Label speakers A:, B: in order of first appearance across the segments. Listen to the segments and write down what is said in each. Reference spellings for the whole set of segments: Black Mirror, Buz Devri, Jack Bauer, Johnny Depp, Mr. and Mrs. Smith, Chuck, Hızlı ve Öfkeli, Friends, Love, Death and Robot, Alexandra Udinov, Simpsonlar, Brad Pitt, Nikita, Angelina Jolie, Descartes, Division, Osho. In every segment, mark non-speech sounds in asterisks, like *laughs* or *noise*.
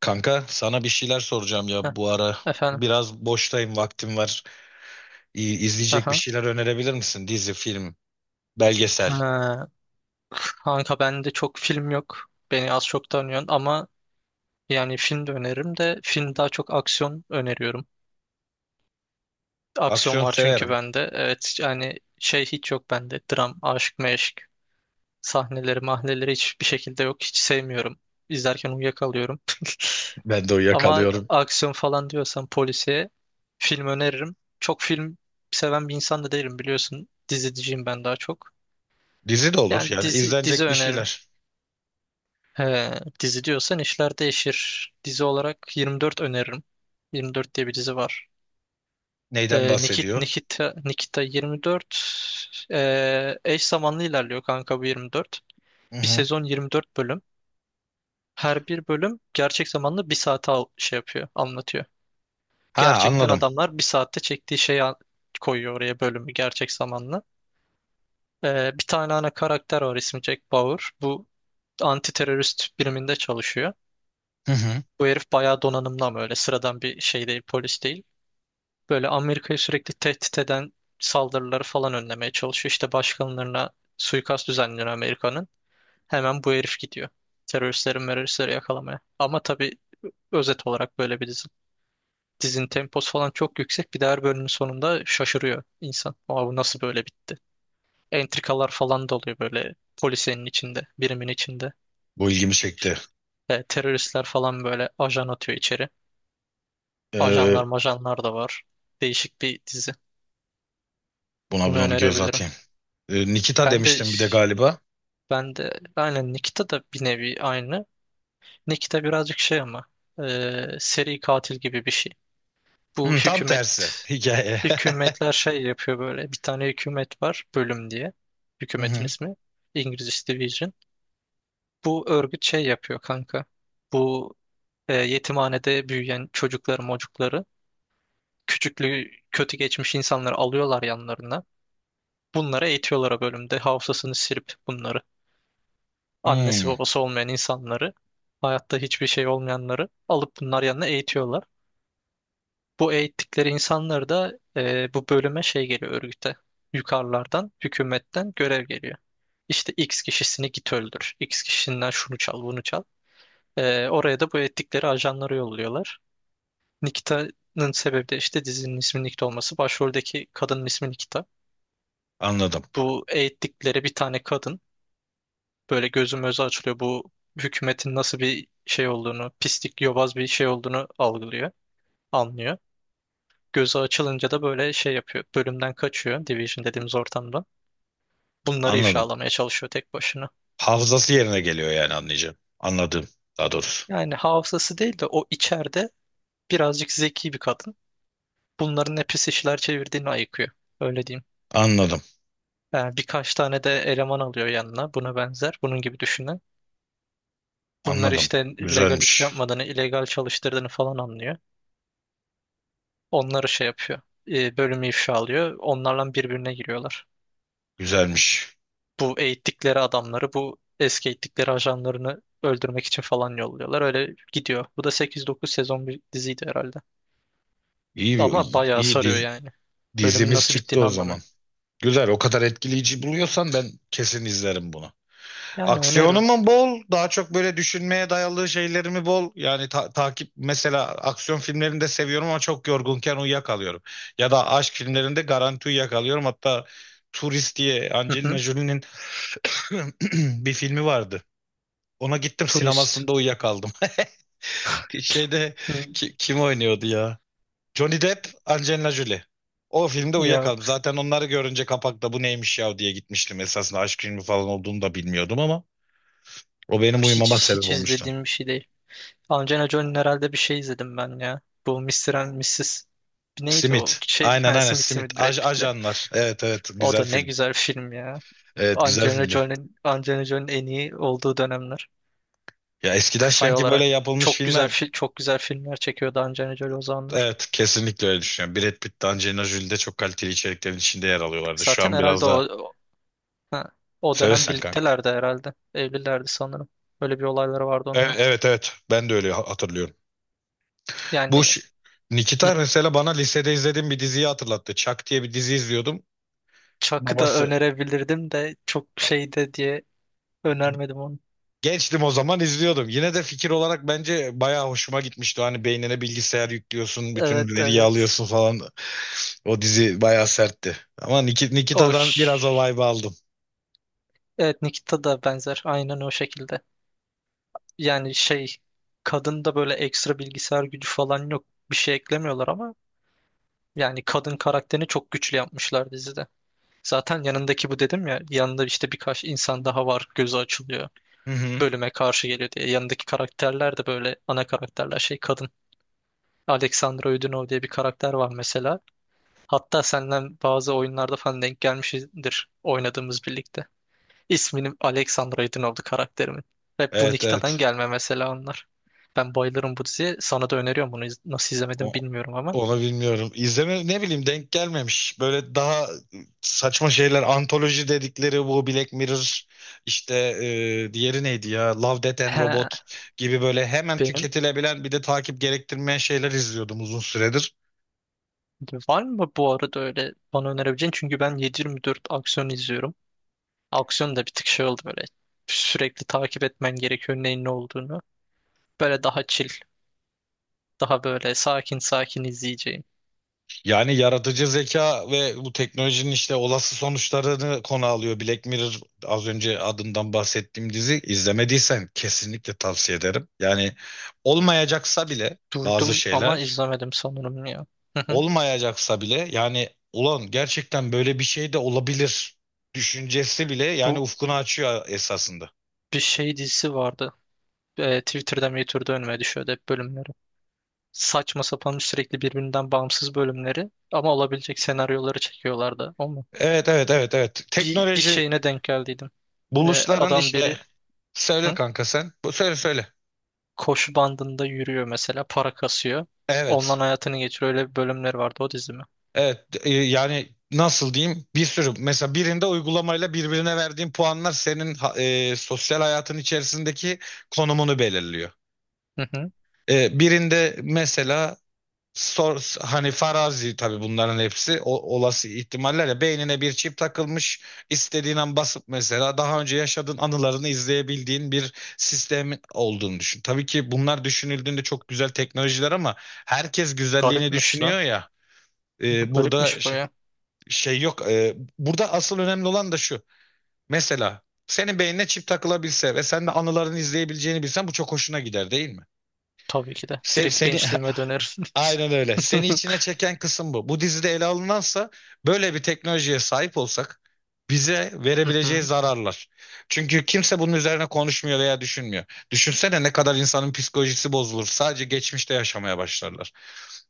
A: Kanka sana bir şeyler soracağım
B: Heh,
A: ya bu ara.
B: efendim.
A: Biraz boştayım, vaktim var. İyi, izleyecek bir
B: Aha.
A: şeyler önerebilir misin? Dizi, film, belgesel.
B: Ha, kanka bende çok film yok. Beni az çok tanıyorsun ama yani film de öneririm de film daha çok aksiyon öneriyorum. Aksiyon
A: Aksiyon
B: var çünkü
A: severim.
B: bende. Evet yani şey hiç yok bende. Dram, aşk, meşk sahneleri, mahneleri hiçbir şekilde yok. Hiç sevmiyorum. İzlerken uyuyakalıyorum.
A: Ben de
B: Ama
A: uyuyakalıyorum.
B: aksiyon falan diyorsan polisiye film öneririm. Çok film seven bir insan da değilim biliyorsun. Diziciyim ben daha çok.
A: Dizi de olur
B: Yani
A: yani
B: dizi
A: izlenecek bir
B: öneririm.
A: şeyler.
B: He, dizi diyorsan işler değişir. Dizi olarak 24 öneririm. 24 diye bir dizi var.
A: Neyden bahsediyor?
B: Nikita 24. Eş zamanlı ilerliyor kanka bu 24.
A: Hı
B: Bir
A: hı.
B: sezon 24 bölüm. Her bir bölüm gerçek zamanlı bir saate şey yapıyor, anlatıyor.
A: Ha,
B: Gerçekten
A: anladım.
B: adamlar bir saatte çektiği şeyi koyuyor oraya bölümü gerçek zamanlı. Bir tane ana karakter var, ismi Jack Bauer. Bu anti terörist biriminde çalışıyor.
A: Hı hı.
B: Bu herif bayağı donanımlı ama öyle sıradan bir şey değil, polis değil. Böyle Amerika'yı sürekli tehdit eden saldırıları falan önlemeye çalışıyor. İşte başkanlarına suikast düzenliyor Amerika'nın. Hemen bu herif gidiyor. Teröristlerin meröristleri yakalamaya. Ama tabii özet olarak böyle bir dizi. Dizinin temposu falan çok yüksek. Bir de her bölümün sonunda şaşırıyor insan. Aa, bu nasıl böyle bitti? Entrikalar falan da oluyor böyle polisenin içinde, birimin içinde.
A: Bu ilgimi çekti.
B: Teröristler falan böyle ajan atıyor içeri. Ajanlar
A: Ee,
B: majanlar da var. Değişik bir dizi.
A: buna
B: Bunu
A: buna bir göz
B: önerebilirim.
A: atayım. Nikita
B: Ben de
A: demiştim bir de galiba.
B: ben de aynen Nikita da bir nevi aynı. Nikita birazcık şey ama e, seri katil gibi bir şey. Bu
A: Hı, tam tersi hikaye. *laughs*
B: hükümetler şey yapıyor böyle. Bir tane hükümet var bölüm diye.
A: Hı
B: Hükümetin
A: hı.
B: ismi. İngilizcesi Division. Bu örgüt şey yapıyor kanka. Bu yetimhanede büyüyen çocukları mocukları, küçüklüğü kötü geçmiş insanları alıyorlar yanlarına. Bunları eğitiyorlar o bölümde. Hafızasını silip bunları. Annesi
A: Hı,
B: babası olmayan insanları. Hayatta hiçbir şey olmayanları alıp bunlar yanına eğitiyorlar. Bu eğittikleri insanları da bu bölüme şey geliyor örgüte. Yukarılardan, hükümetten görev geliyor. İşte X kişisini git öldür, X kişisinden şunu çal, bunu çal. Oraya da bu eğittikleri ajanları yolluyorlar. Nikita'nın sebebi de işte dizinin isminin Nikita olması. Başroldeki kadının ismi Nikita.
A: anladım.
B: Bu eğittikleri bir tane kadın. Böyle gözüm özü açılıyor. Bu hükümetin nasıl bir şey olduğunu, pislik, yobaz bir şey olduğunu algılıyor, anlıyor. Gözü açılınca da böyle şey yapıyor. Bölümden kaçıyor, Division dediğimiz ortamdan. Bunları
A: Anladım.
B: ifşalamaya çalışıyor tek başına.
A: Hafızası yerine geliyor yani anlayacağım. Anladım daha doğrusu.
B: Yani hafızası değil de o içeride birazcık zeki bir kadın. Bunların ne pis işler çevirdiğini ayıkıyor. Öyle diyeyim.
A: Anladım.
B: Yani birkaç tane de eleman alıyor yanına, buna benzer. Bunun gibi düşünün. Bunlar
A: Anladım.
B: işte legal iş
A: Güzelmiş.
B: yapmadığını, illegal çalıştırdığını falan anlıyor. Onları şey yapıyor. Bölümü ifşa alıyor. Onlarla birbirine giriyorlar.
A: Güzelmiş.
B: Bu eski eğittikleri ajanlarını öldürmek için falan yolluyorlar. Öyle gidiyor. Bu da 8-9 sezon bir diziydi herhalde.
A: İyi,
B: Ama bayağı
A: iyi
B: sarıyor
A: diz-
B: yani. Bölümün
A: dizimiz
B: nasıl
A: çıktı
B: bittiğini
A: o zaman.
B: anlamıyorum.
A: Güzel. O kadar etkileyici buluyorsan ben kesin izlerim bunu.
B: Yani öneririm.
A: Aksiyonu bol? Daha çok böyle düşünmeye dayalı şeylerimi bol? Yani takip mesela aksiyon filmlerini de seviyorum ama çok yorgunken uyuyakalıyorum. Ya da aşk filmlerinde garanti uyuyakalıyorum. Hatta Turist diye
B: Hı
A: Angelina
B: hı.
A: Jolie'nin *clears throat* bir filmi vardı. Ona gittim
B: Turist.
A: sinemasında uyuyakaldım. *laughs* Şeyde
B: Hı.
A: kim oynuyordu ya? Johnny Depp, Angelina Jolie. O filmde uyuyakaldım.
B: Yok.
A: Zaten onları görünce kapakta bu neymiş ya diye gitmiştim. Esasında aşk filmi falan olduğunu da bilmiyordum ama o benim uyumama
B: Hiç,
A: sebep
B: hiç
A: olmuştu.
B: izlediğim bir şey değil. Angelina Jolie'nin herhalde bir şey izledim ben ya. Bu Mr. and Mrs. Neydi o?
A: Simit.
B: Şey,
A: Aynen,
B: ha,
A: aynen.
B: Smith
A: Simit.
B: Smith Brad Pitt'le.
A: Ajanlar. Evet, evet,
B: O
A: güzel
B: da ne
A: film.
B: güzel film ya.
A: Evet, güzel
B: Angelina
A: filmdi.
B: Jolie'nin Angelina Jolie'nin en iyi olduğu dönemler.
A: Ya eskiden
B: Şey
A: sanki böyle
B: olarak
A: yapılmış filmler,
B: çok güzel filmler çekiyordu Angelina Jolie o zamanlar.
A: evet, kesinlikle öyle düşünüyorum. Brad Pitt de Angelina Jolie de çok kaliteli içeriklerin içinde yer alıyorlardı. Şu
B: Zaten
A: an
B: herhalde
A: biraz da
B: o, ha, o dönem
A: söylesen.
B: birliktelerdi herhalde. Evlilerdi sanırım. Böyle bir olayları vardı onunla.
A: Evet, evet, ben de öyle hatırlıyorum. Bu
B: Yani
A: ş-
B: hı,
A: Nikita mesela bana lisede izlediğim bir diziyi hatırlattı. Chuck diye bir dizi izliyordum.
B: Chuck'ı da
A: Babası.
B: önerebilirdim de çok şeyde diye önermedim onu.
A: Gençtim o zaman izliyordum. Yine de fikir olarak bence bayağı hoşuma gitmişti. Hani beynine bilgisayar yüklüyorsun, bütün
B: Evet
A: veriyi
B: evet.
A: alıyorsun falan. O dizi bayağı sertti. Ama
B: O
A: Nikita'dan biraz o
B: ş-
A: vibe'ı aldım.
B: Evet, Nikita da benzer. Aynen o şekilde. Yani şey, kadında böyle ekstra bilgisayar gücü falan yok. Bir şey eklemiyorlar ama yani kadın karakterini çok güçlü yapmışlar dizide. Zaten yanındaki, bu dedim ya, yanında işte birkaç insan daha var, gözü açılıyor.
A: Hı hı.
B: Bölüme karşı geliyor diye. Yanındaki karakterler de böyle ana karakterler şey kadın. Alexandra Udinov diye bir karakter var mesela. Hatta senden bazı oyunlarda falan denk gelmişizdir oynadığımız birlikte. İsminin Alexandra Aydınoldu karakterimin. Hep bu
A: Evet,
B: Nikita'dan
A: evet.
B: gelme mesela onlar. Ben bayılırım bu diziye. Sana da öneriyorum bunu. Nasıl
A: O-
B: izlemedim bilmiyorum ama.
A: Onu bilmiyorum. İzleme ne bileyim denk gelmemiş. Böyle daha saçma şeyler antoloji dedikleri bu Black Mirror işte, diğeri neydi ya, Love, Death and
B: He,
A: Robot gibi böyle hemen
B: benim.
A: tüketilebilen bir de takip gerektirmeyen şeyler izliyordum uzun süredir.
B: Var mı bu arada öyle bana önerebileceğin? Çünkü ben 7 dört aksiyon izliyorum. Aksiyon da bir tık şey oldu böyle. Sürekli takip etmen gerekiyor neyin ne olduğunu. Böyle daha chill. Daha böyle sakin sakin izleyeceğim.
A: Yani yaratıcı zeka ve bu teknolojinin işte olası sonuçlarını konu alıyor. Black Mirror, az önce adından bahsettiğim dizi, izlemediysen kesinlikle tavsiye ederim. Yani olmayacaksa bile bazı
B: Duydum ama
A: şeyler
B: izlemedim sanırım ya. Hı hı.
A: olmayacaksa bile yani ulan gerçekten böyle bir şey de olabilir düşüncesi bile yani
B: Bu
A: ufkunu açıyor esasında.
B: bir şey dizisi vardı. Twitter'da önüme düşüyordu hep bölümleri. Saçma sapan, sürekli birbirinden bağımsız bölümleri ama olabilecek senaryoları çekiyorlardı. O mu?
A: Evet, evet, evet, evet.
B: Bir
A: Teknoloji
B: şeyine denk geldiydim.
A: buluşların
B: Adam
A: işte,
B: biri
A: söyle
B: hı,
A: kanka sen. Bu söyle, söyle.
B: koşu bandında yürüyor mesela, para kasıyor. Ondan
A: Evet.
B: hayatını geçiriyor. Öyle bir bölümleri vardı o dizi mi?
A: Evet, yani nasıl diyeyim, bir sürü mesela birinde uygulamayla birbirine verdiğin puanlar senin sosyal hayatın içerisindeki konumunu belirliyor.
B: Hı hı.
A: Birinde mesela sor, hani farazi tabii bunların hepsi, olası ihtimaller ya, beynine bir çip takılmış, istediğin an basıp mesela daha önce yaşadığın anılarını izleyebildiğin bir sistem olduğunu düşün. Tabii ki bunlar düşünüldüğünde çok güzel teknolojiler ama herkes güzelliğini
B: Garipmiş lan.
A: düşünüyor ya, burada
B: Garipmiş baya.
A: şey yok. Burada asıl önemli olan da şu, mesela senin beynine çip takılabilse ve sen de anılarını izleyebileceğini bilsen bu çok hoşuna gider değil mi?
B: Tabii ki de. Direkt
A: Seni.
B: gençliğime
A: *laughs*
B: dönerim.
A: Aynen öyle. Seni içine
B: *laughs*
A: çeken kısım bu. Bu dizide ele alınansa böyle bir teknolojiye sahip olsak bize
B: Hı
A: verebileceği
B: hı.
A: zararlar. Çünkü kimse bunun üzerine konuşmuyor veya düşünmüyor. Düşünsene ne kadar insanın psikolojisi bozulur. Sadece geçmişte yaşamaya başlarlar.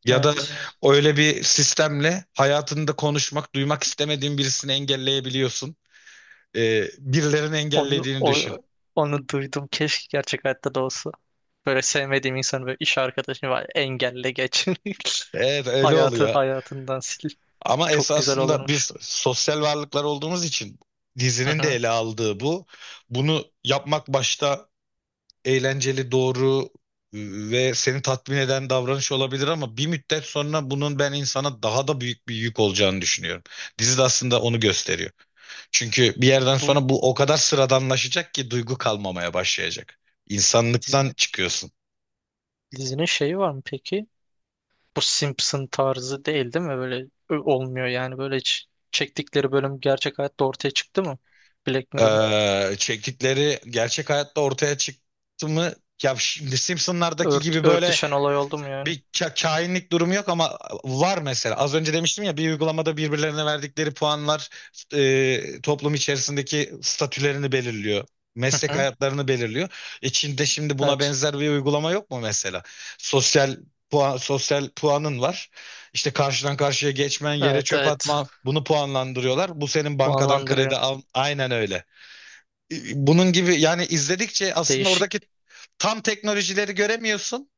A: Ya da
B: Evet.
A: öyle bir sistemle hayatında konuşmak, duymak istemediğin birisini engelleyebiliyorsun. Birilerinin
B: Onu,
A: engellediğini
B: o,
A: düşün.
B: onu duydum. Keşke gerçek hayatta da olsa. Böyle sevmediğim insanı, böyle iş arkadaşım var. Engelle geç.
A: Evet,
B: *laughs*
A: öyle
B: Hayatı
A: oluyor.
B: hayatından sil.
A: Ama
B: Çok güzel
A: esasında
B: olurmuş.
A: biz sosyal varlıklar olduğumuz için
B: Hı
A: dizinin de
B: hı.
A: ele aldığı bu. Bunu yapmak başta eğlenceli, doğru e, ve seni tatmin eden davranış olabilir ama bir müddet sonra bunun ben insana daha da büyük bir yük olacağını düşünüyorum. Dizi de aslında onu gösteriyor. Çünkü bir yerden
B: Bu
A: sonra bu o kadar sıradanlaşacak ki duygu kalmamaya başlayacak. İnsanlıktan
B: dizi-
A: çıkıyorsun.
B: Dizinin şeyi var mı peki? Bu Simpson tarzı değil, değil mi? Böyle olmuyor yani. Böyle hiç çektikleri bölüm gerçek hayatta ortaya çıktı mı? Black Mirror'ın.
A: Çektikleri gerçek hayatta ortaya çıktı mı, ya şimdi Simpsonlardaki
B: Ört,
A: gibi böyle
B: örtüşen olay oldu mu yani?
A: bir kainlik durumu yok ama var mesela. Az önce demiştim ya, bir uygulamada birbirlerine verdikleri puanlar toplum içerisindeki statülerini belirliyor.
B: Hı
A: Meslek
B: hı.
A: hayatlarını belirliyor. Çin'de şimdi buna
B: Evet.
A: benzer bir uygulama yok mu mesela? Sosyal sosyal puanın var. İşte karşıdan karşıya geçmen, yere
B: Evet
A: çöp
B: evet.
A: atma, bunu puanlandırıyorlar. Bu senin
B: Bu
A: bankadan kredi
B: anlandırıyor.
A: al. Aynen öyle. Bunun gibi, yani izledikçe aslında
B: Değişik,
A: oradaki tam teknolojileri göremiyorsun.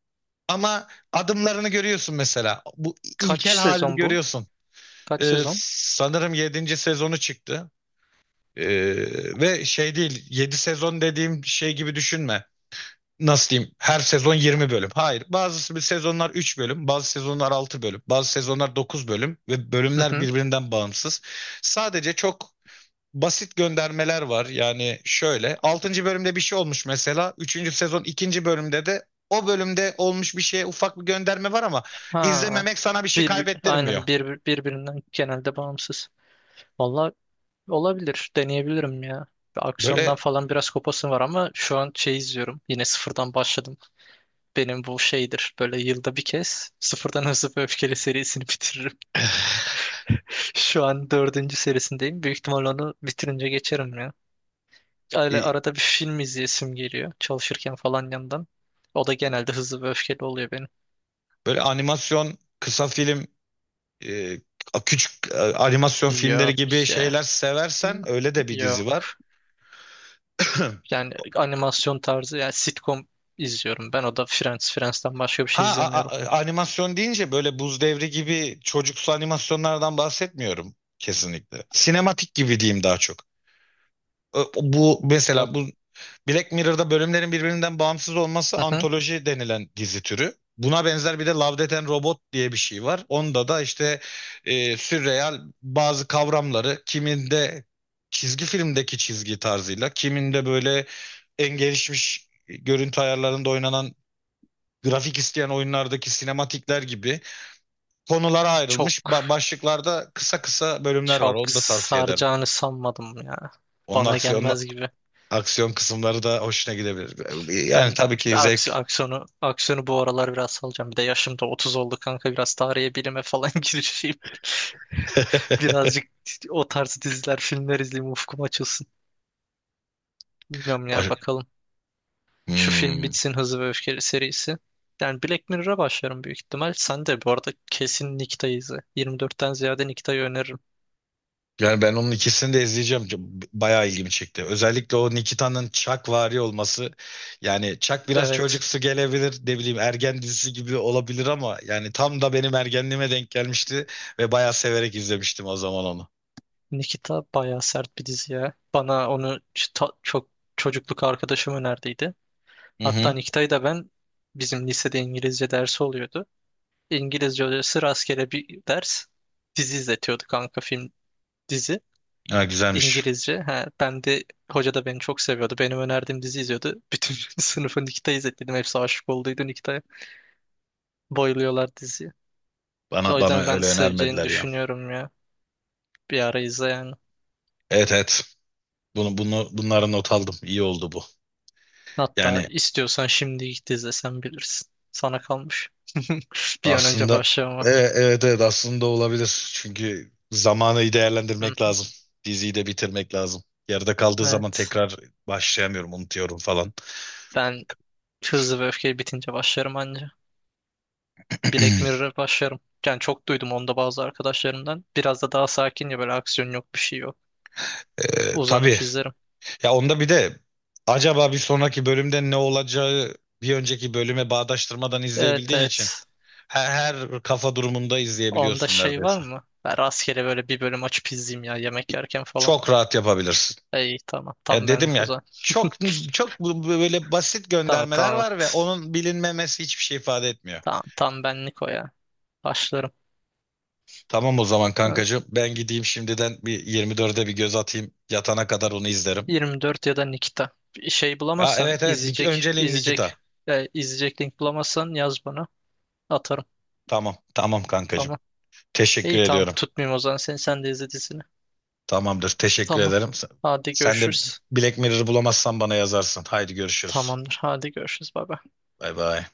A: Ama adımlarını görüyorsun mesela. Bu
B: kaç
A: ilkel halini
B: sezon bu?
A: görüyorsun.
B: Kaç sezon?
A: Sanırım yedinci sezonu çıktı. Ee, Ve şey değil, 7 sezon dediğim şey gibi düşünme. Nasıl diyeyim? Her sezon 20 bölüm. Hayır. Bazı bir sezonlar 3 bölüm, bazı sezonlar 6 bölüm, bazı sezonlar 9 bölüm ve
B: Hı
A: bölümler
B: hı.
A: birbirinden bağımsız. Sadece çok basit göndermeler var. Yani şöyle altıncı bölümde bir şey olmuş mesela. Üçüncü sezon ikinci bölümde de o bölümde olmuş bir şeye ufak bir gönderme var ama
B: Ha.
A: izlememek sana bir şey
B: Bir,
A: kaybettirmiyor.
B: aynen birbirinden genelde bağımsız. Valla olabilir. Deneyebilirim ya. Aksiyondan
A: Böyle
B: falan biraz kopasım var ama şu an şey izliyorum. Yine sıfırdan başladım. Benim bu şeydir. Böyle yılda bir kez sıfırdan *laughs* Hızlı ve Öfkeli serisini *laughs* bitiririm. Şu an dördüncü serisindeyim. Büyük ihtimal onu bitirince geçerim ya.
A: *clears throat*
B: Öyle
A: e,
B: arada bir film izleyesim geliyor. Çalışırken falan yandan. O da genelde Hızlı ve Öfkeli oluyor benim.
A: böyle animasyon kısa film, e, küçük animasyon filmleri gibi
B: Yok
A: şeyler
B: ya.
A: seversen öyle de bir dizi var.
B: Yok.
A: *clears throat* *laughs*
B: Yani animasyon tarzı, yani sitcom izliyorum ben. O da Friends. Friends'ten başka bir
A: Ha,
B: şey izlemiyorum.
A: animasyon deyince böyle Buz Devri gibi çocuksu animasyonlardan bahsetmiyorum kesinlikle. Sinematik gibi diyeyim daha çok. Bu
B: Ya.
A: mesela, bu Black Mirror'da bölümlerin birbirinden bağımsız olması
B: Hı hı.
A: antoloji denilen dizi türü. Buna benzer bir de Love, Death and Robot diye bir şey var. Onda da işte sürreal bazı kavramları, kiminde çizgi filmdeki çizgi tarzıyla, kiminde böyle en gelişmiş görüntü ayarlarında oynanan grafik isteyen oyunlardaki sinematikler gibi konulara ayrılmış
B: Çok
A: başlıklarda kısa kısa bölümler var.
B: çok
A: Onu da tavsiye ederim.
B: saracağını sanmadım ya.
A: Onun
B: Bana
A: aksiyon
B: gelmez gibi.
A: aksiyon kısımları da hoşuna gidebilir. Yani
B: Ben
A: tabii ki
B: aks-
A: zevk.
B: aksiyonu aksiyonu bu aralar biraz salacağım. Bir de yaşım da 30 oldu kanka. Biraz tarihe, bilime falan *laughs* girişeyim.
A: *laughs*
B: Birazcık o tarz diziler, filmler izleyeyim, ufkum açılsın. Bilmiyorum ya,
A: Baş-
B: bakalım. Şu film
A: Hmm.
B: bitsin, Hızlı ve Öfkeli serisi. Yani Black Mirror'a başlarım büyük ihtimal. Sen de bu arada kesin Nikita'yı izle. 24'ten ziyade Nikita'yı öneririm.
A: Yani ben onun ikisini de izleyeceğim. Bayağı ilgimi çekti. Özellikle o Nikita'nın Chuck-vari olması. Yani Chuck biraz
B: Evet.
A: çocuksu gelebilir. Ne bileyim ergen dizisi gibi olabilir ama yani tam da benim ergenliğime denk gelmişti ve bayağı severek izlemiştim o zaman onu.
B: Nikita bayağı sert bir dizi ya. Bana onu çok, çocukluk arkadaşım önerdiydi.
A: Hı
B: Hatta
A: hı.
B: Nikita'yı da ben, bizim lisede İngilizce dersi oluyordu. İngilizce hocası rastgele bir ders dizi izletiyordu kanka, film, dizi.
A: Ha, güzelmiş.
B: İngilizce. Ha, ben de hoca da beni çok seviyordu. Benim önerdiğim dizi izliyordu. Bütün *laughs* sınıfı Nikita izlettim. Hepsi aşık olduydu Nikita'ya. Bayılıyorlar diziyi. O
A: Bana
B: yüzden ben
A: öyle
B: seveceğini
A: önermediler ya.
B: düşünüyorum ya. Bir ara izle yani.
A: Evet, evet. Bunu bunu bunları not aldım. İyi oldu bu.
B: Hatta
A: Yani
B: istiyorsan şimdi git izle, sen bilirsin. Sana kalmış. *laughs* Bir an önce
A: aslında,
B: başlama.
A: evet, evet, aslında olabilir. Çünkü zamanı iyi
B: Hı
A: değerlendirmek
B: hı.
A: lazım. Diziyi de bitirmek lazım. Yarıda kaldığı zaman
B: Evet.
A: tekrar başlayamıyorum, unutuyorum falan.
B: Ben Hızlı ve Öfkeli bitince başlarım anca. Black
A: *clears throat*
B: Mirror'a başlarım. Yani çok duydum onda bazı arkadaşlarımdan. Biraz da daha sakin ya, böyle aksiyon yok, bir şey yok.
A: Tabii.
B: Uzanıp izlerim.
A: Ya onda bir de acaba bir sonraki bölümde ne olacağı bir önceki bölüme bağdaştırmadan
B: Evet
A: izleyebildiğin için
B: evet.
A: her kafa durumunda
B: Onda
A: izleyebiliyorsun
B: şey var
A: neredeyse.
B: mı? Ben rastgele böyle bir bölüm açıp izleyeyim ya, yemek yerken falan.
A: Çok rahat yapabilirsin.
B: İyi tamam,
A: Ya
B: tam
A: dedim
B: benlik o
A: ya,
B: zaman.
A: çok çok böyle basit
B: Tamam
A: göndermeler
B: tamam.
A: var ve onun bilinmemesi hiçbir şey ifade etmiyor.
B: Tam benlik o ya. Başlarım.
A: Tamam o zaman
B: Evet.
A: kankacığım. Ben gideyim şimdiden bir 24'e bir göz atayım. Yatana kadar onu izlerim.
B: 24 ya da Nikita. Bir şey
A: Aa,
B: bulamazsan
A: evet, evet. Önceliğim Nikita.
B: izleyecek link bulamazsan yaz bana. Atarım.
A: Tamam, tamam, kankacığım.
B: Tamam.
A: Teşekkür
B: İyi tamam,
A: ediyorum.
B: tutmayayım o zaman seni, sen de izle dizini.
A: Tamamdır. Teşekkür
B: Tamam.
A: ederim. Sen
B: Hadi
A: sen de
B: görüşürüz.
A: Black Mirror'ı bulamazsan bana yazarsın. Haydi görüşürüz.
B: Tamamdır. Hadi görüşürüz. Bay bay.
A: Bay bay.